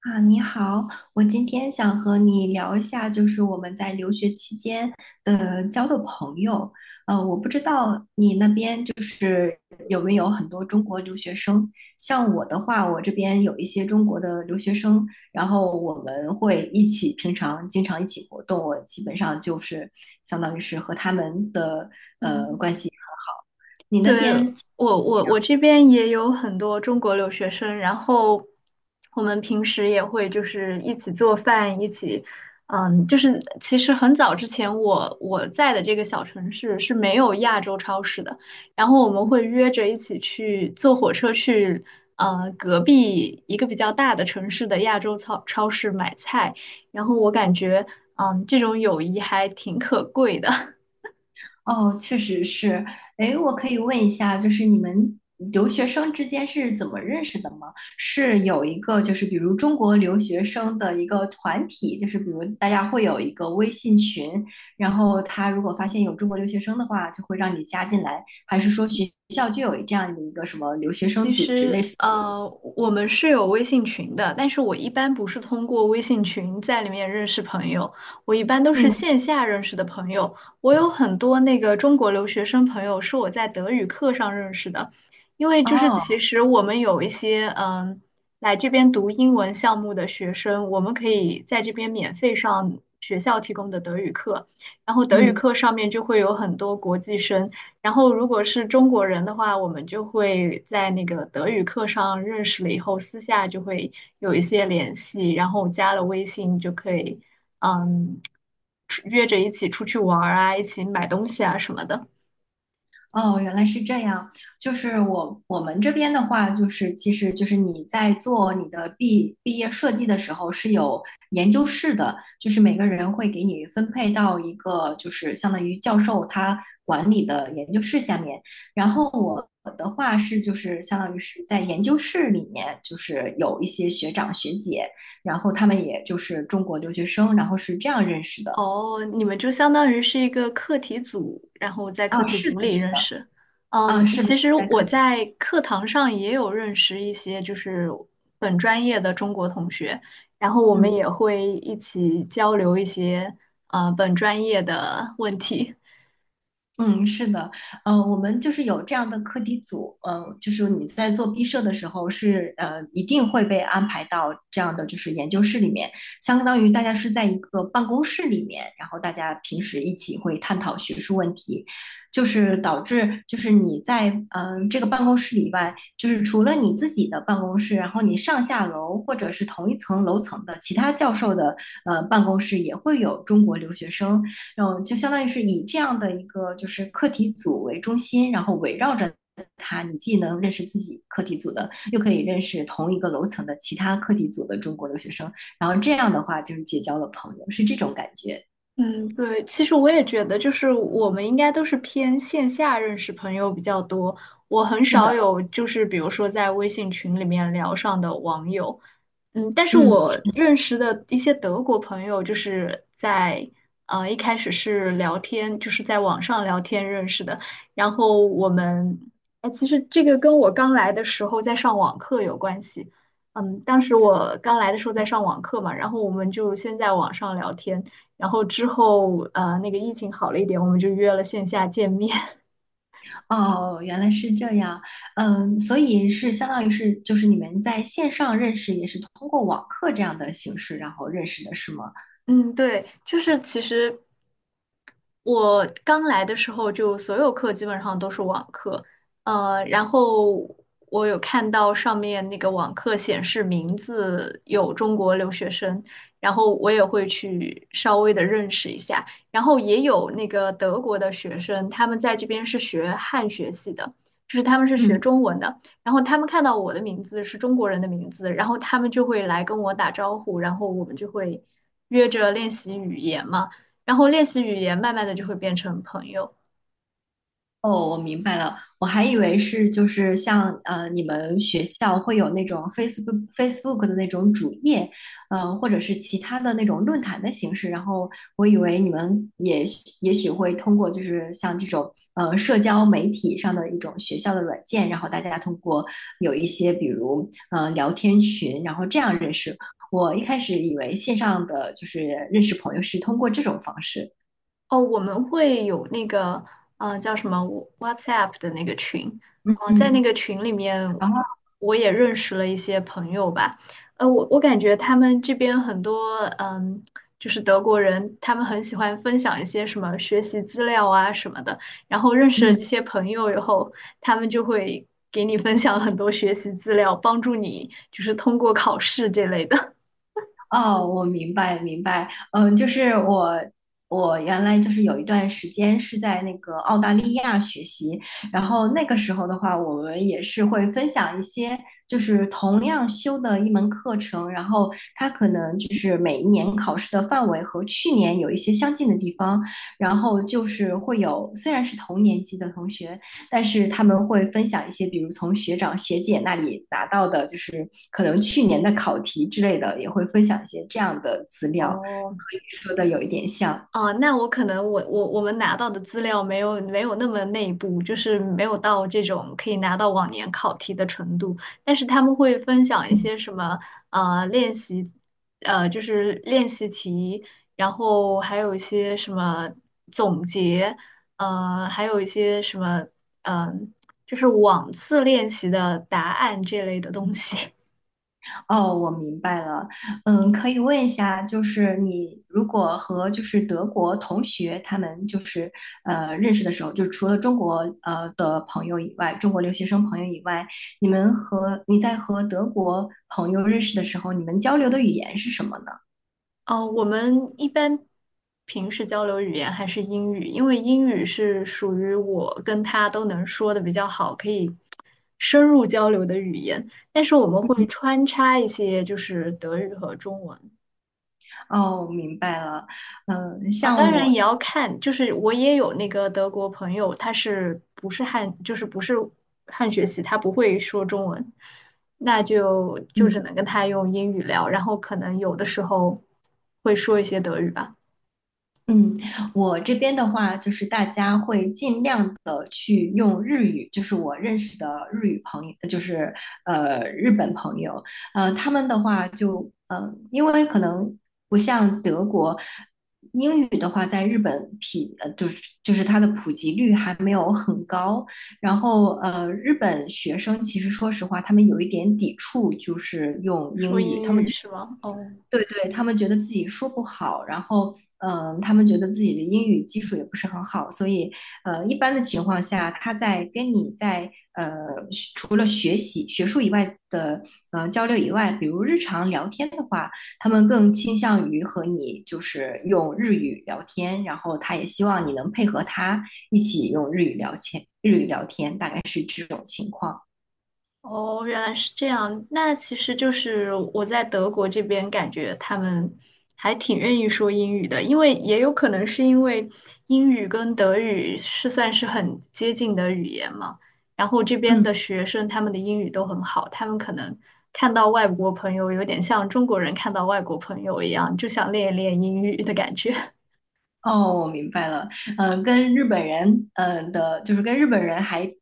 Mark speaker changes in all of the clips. Speaker 1: 啊，你好，我今天想和你聊一下，就是我们在留学期间交的朋友。我不知道你那边就是有没有很多中国留学生。像我的话，我这边有一些中国的留学生，然后我们会一起平常经常一起活动，我基本上就是相当于是和他们的
Speaker 2: 嗯，
Speaker 1: 关系很好。你
Speaker 2: 对，
Speaker 1: 那边？
Speaker 2: 我这边也有很多中国留学生，然后我们平时也会就是一起做饭，一起，嗯，就是其实很早之前我在的这个小城市是没有亚洲超市的，然后我们会约着一起去坐火车去，隔壁一个比较大的城市的亚洲超市买菜，然后我感觉，嗯，这种友谊还挺可贵的。
Speaker 1: 哦，确实是。哎，我可以问一下，就是你们留学生之间是怎么认识的吗？是有一个，就是比如中国留学生的一个团体，就是比如大家会有一个微信群，然后他如果发现有中国留学生的话，就会让你加进来，还是说学校就有这样的一个什么留学生
Speaker 2: 其
Speaker 1: 组织类
Speaker 2: 实，
Speaker 1: 似的东西？
Speaker 2: 我们是有微信群的，但是我一般不是通过微信群在里面认识朋友，我一般都是
Speaker 1: 嗯。
Speaker 2: 线下认识的朋友。我有很多那个中国留学生朋友是我在德语课上认识的，因为就是其
Speaker 1: 哦。
Speaker 2: 实我们有一些嗯来这边读英文项目的学生，我们可以在这边免费上学校提供的德语课，然后德语
Speaker 1: 嗯。
Speaker 2: 课上面就会有很多国际生。然后如果是中国人的话，我们就会在那个德语课上认识了以后，私下就会有一些联系，然后加了微信就可以，嗯，出约着一起出去玩儿啊，一起买东西啊什么的。
Speaker 1: 哦，原来是这样。就是我们这边的话，就是其实就是你在做你的毕业设计的时候是有研究室的，就是每个人会给你分配到一个就是相当于教授他管理的研究室下面。然后我的话是就是相当于是在研究室里面，就是有一些学长学姐，然后他们也就是中国留学生，然后是这样认识的。
Speaker 2: 哦，你们就相当于是一个课题组，然后在课
Speaker 1: 啊，
Speaker 2: 题
Speaker 1: 是
Speaker 2: 组
Speaker 1: 的，
Speaker 2: 里
Speaker 1: 是
Speaker 2: 认
Speaker 1: 的。
Speaker 2: 识。
Speaker 1: 啊，
Speaker 2: 嗯，
Speaker 1: 是的，
Speaker 2: 其实
Speaker 1: 在
Speaker 2: 我
Speaker 1: 课。
Speaker 2: 在课堂上也有认识一些就是本专业的中国同学，然后我们
Speaker 1: 嗯。
Speaker 2: 也会一起交流一些本专业的问题。
Speaker 1: 嗯，是的，我们就是有这样的课题组，就是你在做毕设的时候是一定会被安排到这样的就是研究室里面，相当于大家是在一个办公室里面，然后大家平时一起会探讨学术问题，就是导致就是你在这个办公室以外，就是除了你自己的办公室，然后你上下楼或者是同一层楼层的其他教授的办公室也会有中国留学生。然后就相当于是以这样的一个就是课题组为中心，然后围绕着它，你既能认识自己课题组的，又可以认识同一个楼层的其他课题组的中国留学生，然后这样的话就是结交了朋友，是这种感觉。
Speaker 2: 嗯，对，其实我也觉得，就是我们应该都是偏线下认识朋友比较多，我很
Speaker 1: 是
Speaker 2: 少
Speaker 1: 的。
Speaker 2: 有就是比如说在微信群里面聊上的网友。嗯，但是
Speaker 1: 嗯。
Speaker 2: 我认识的一些德国朋友，就是在一开始是聊天，就是在网上聊天认识的。然后我们，哎，其实这个跟我刚来的时候在上网课有关系。嗯，当时我刚来的时候在上网课嘛，然后我们就先在网上聊天，然后之后那个疫情好了一点，我们就约了线下见面。
Speaker 1: 哦，原来是这样，嗯，所以是相当于是就是你们在线上认识，也是通过网课这样的形式，然后认识的是吗？
Speaker 2: 嗯，对，就是其实。我刚来的时候，就所有课基本上都是网课，然后我有看到上面那个网课显示名字有中国留学生，然后我也会去稍微的认识一下，然后也有那个德国的学生，他们在这边是学汉学系的，就是他们是学
Speaker 1: 嗯。
Speaker 2: 中文的，然后他们看到我的名字是中国人的名字，然后他们就会来跟我打招呼，然后我们就会约着练习语言嘛。然后练习语言，慢慢的就会变成朋友。
Speaker 1: 哦，我明白了，我还以为是就是像你们学校会有那种 Facebook 的那种主页，呃，或者是其他的那种论坛的形式，然后我以为你们也许会通过就是像这种社交媒体上的一种学校的软件，然后大家通过有一些比如聊天群，然后这样认识。我一开始以为线上的就是认识朋友是通过这种方式。
Speaker 2: 哦，我们会有那个，嗯，叫什么 WhatsApp 的那个群，
Speaker 1: 嗯。
Speaker 2: 哦，在那
Speaker 1: 嗯，
Speaker 2: 个群里面，
Speaker 1: 然后
Speaker 2: 我也认识了一些朋友吧。我感觉他们这边很多，嗯，就是德国人，他们很喜欢分享一些什么学习资料啊什么的。然后认识了这
Speaker 1: 嗯。
Speaker 2: 些朋友以后，他们就会给你分享很多学习资料，帮助你就是通过考试这类的。
Speaker 1: 哦，我明白，嗯，就是我原来就是有一段时间是在那个澳大利亚学习，然后那个时候的话，我们也是会分享一些就是同样修的一门课程，然后它可能就是每一年考试的范围和去年有一些相近的地方，然后就是会有虽然是同年级的同学，但是他们会分享一些，比如从学长学姐那里拿到的，就是可能去年的考题之类的，也会分享一些这样的资料，
Speaker 2: 哦，
Speaker 1: 可以说的有一点像。嗯。
Speaker 2: 哦，那我可能我们拿到的资料没有那么内部，就是没有到这种可以拿到往年考题的程度。但是他们会分享一些什么练习，就是练习题，然后还有一些什么总结，还有一些什么嗯、呃就是往次练习的答案这类的东西。
Speaker 1: 哦，我明白了。嗯，可以问一下，就是你如果和就是德国同学他们就是认识的时候，就除了中国的朋友以外，中国留学生朋友以外，你们和你在和德国朋友认识的时候，你们交流的语言是什么呢？
Speaker 2: 哦，我们一般平时交流语言还是英语，因为英语是属于我跟他都能说的比较好，可以深入交流的语言。但是我们会穿插一些就是德语和中文
Speaker 1: 哦，明白了。嗯，
Speaker 2: 啊，当
Speaker 1: 像
Speaker 2: 然也
Speaker 1: 我。
Speaker 2: 要看，就是我也有那个德国朋友，他是不是汉，就是不是汉学习，他不会说中文，那就只
Speaker 1: 嗯。
Speaker 2: 能跟他用英语聊，然后可能有的时候会说一些德语吧。
Speaker 1: 嗯，我这边的话，就是大家会尽量的去用日语，就是我认识的日语朋友，就是日本朋友，他们的话就，因为可能不像德国。英语的话，在日本匹呃，就是它的普及率还没有很高，然后日本学生其实说实话，他们有一点抵触，就是用
Speaker 2: 说
Speaker 1: 英语，
Speaker 2: 英
Speaker 1: 他们
Speaker 2: 语
Speaker 1: 觉
Speaker 2: 是吗？哦
Speaker 1: 对对，他们觉得自己说不好，然后他们觉得自己的英语基础也不是很好，所以一般的情况下，他在跟你在学除了学习学术以外的交流以外，比如日常聊天的话，他们更倾向于和你就是用日语聊天，然后他也希望你能配合他一起用日语聊天，日语聊天大概是这种情况。
Speaker 2: 哦，原来是这样。那其实就是我在德国这边感觉他们还挺愿意说英语的，因为也有可能是因为英语跟德语是算是很接近的语言嘛。然后这边
Speaker 1: 嗯。
Speaker 2: 的学生他们的英语都很好，他们可能看到外国朋友有点像中国人看到外国朋友一样，就想练一练英语的感觉。
Speaker 1: 哦，我明白了。跟日本人，的，就是跟日本人还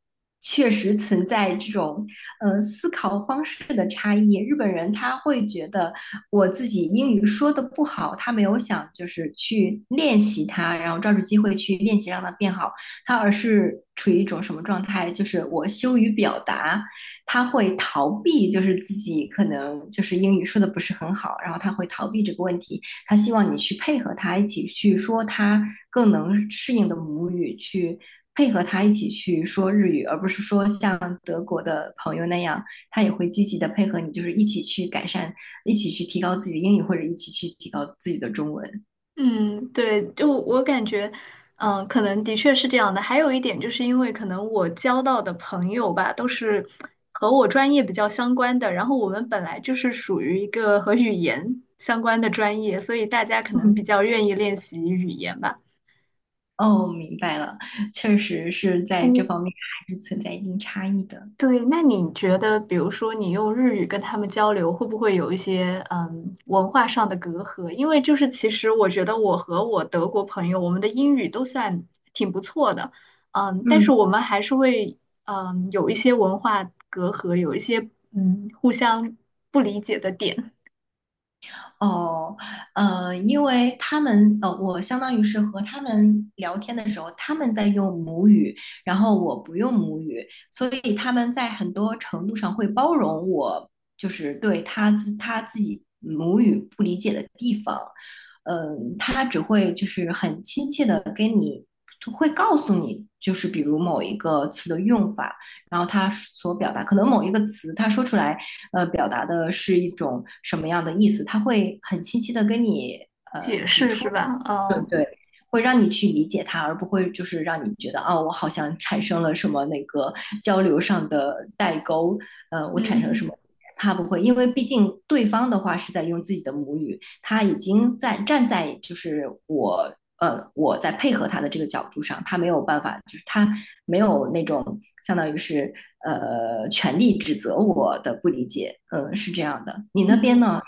Speaker 1: 确实存在这种，思考方式的差异。日本人他会觉得我自己英语说的不好，他没有想就是去练习它，然后抓住机会去练习让它变好，他而是处于一种什么状态？就是我羞于表达，他会逃避，就是自己可能就是英语说的不是很好，然后他会逃避这个问题。他希望你去配合他一起去说他更能适应的母语，去配合他一起去说日语，而不是说像德国的朋友那样，他也会积极的配合你，就是一起去改善，一起去提高自己的英语，或者一起去提高自己的中文。
Speaker 2: 嗯，对，就我感觉，可能的确是这样的。还有一点，就是因为可能我交到的朋友吧，都是和我专业比较相关的，然后我们本来就是属于一个和语言相关的专业，所以大家可能比
Speaker 1: 嗯。
Speaker 2: 较愿意练习语言吧。
Speaker 1: 哦，明白了，确实是在这
Speaker 2: 嗯。
Speaker 1: 方面还是存在一定差异的。
Speaker 2: 对，那你觉得，比如说你用日语跟他们交流，会不会有一些嗯文化上的隔阂？因为就是其实我觉得我和我德国朋友，我们的英语都算挺不错的，嗯，但是
Speaker 1: 嗯。
Speaker 2: 我们还是会嗯有一些文化隔阂，有一些嗯互相不理解的点，
Speaker 1: 哦，因为他们，我相当于是和他们聊天的时候，他们在用母语，然后我不用母语，所以他们在很多程度上会包容我，就是对他自己母语不理解的地方，他只会就是很亲切的跟你，会告诉你，就是比如某一个词的用法，然后他所表达，可能某一个词他说出来。表达的是一种什么样的意思，他会很清晰的跟你
Speaker 2: 解
Speaker 1: 指
Speaker 2: 释
Speaker 1: 出
Speaker 2: 是吧？哦，
Speaker 1: 对，会让你去理解他，而不会就是让你觉得哦我好像产生了什么那个交流上的代沟，我产生了什
Speaker 2: 嗯
Speaker 1: 么。他不会，因为毕竟对方的话是在用自己的母语，他已经在站在就是我在配合他的这个角度上，他没有办法，就是他没有那种相当于是权利指责我的不理解，嗯，是这样的。你那边
Speaker 2: 嗯。
Speaker 1: 呢？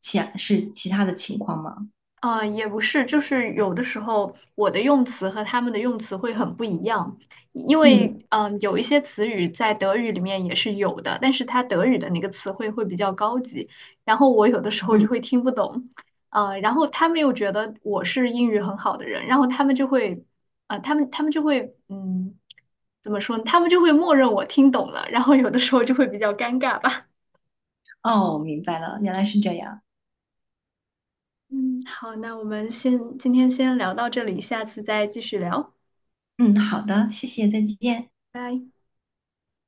Speaker 1: 其他的情况吗？
Speaker 2: 也不是，就是有的时候我的用词和他们的用词会很不一样，因为
Speaker 1: 嗯。
Speaker 2: 有一些词语在德语里面也是有的，但是它德语的那个词汇会比较高级，然后我有的时候就
Speaker 1: 嗯。
Speaker 2: 会听不懂，然后他们又觉得我是英语很好的人，然后他们就会，啊，他们就会，嗯，怎么说呢？他们就会默认我听懂了，然后有的时候就会比较尴尬吧。
Speaker 1: 哦，明白了，原来是这样。
Speaker 2: 嗯，好，那我们先今天先聊到这里，下次再继续聊，
Speaker 1: 嗯，好的，谢谢，再见。
Speaker 2: 拜。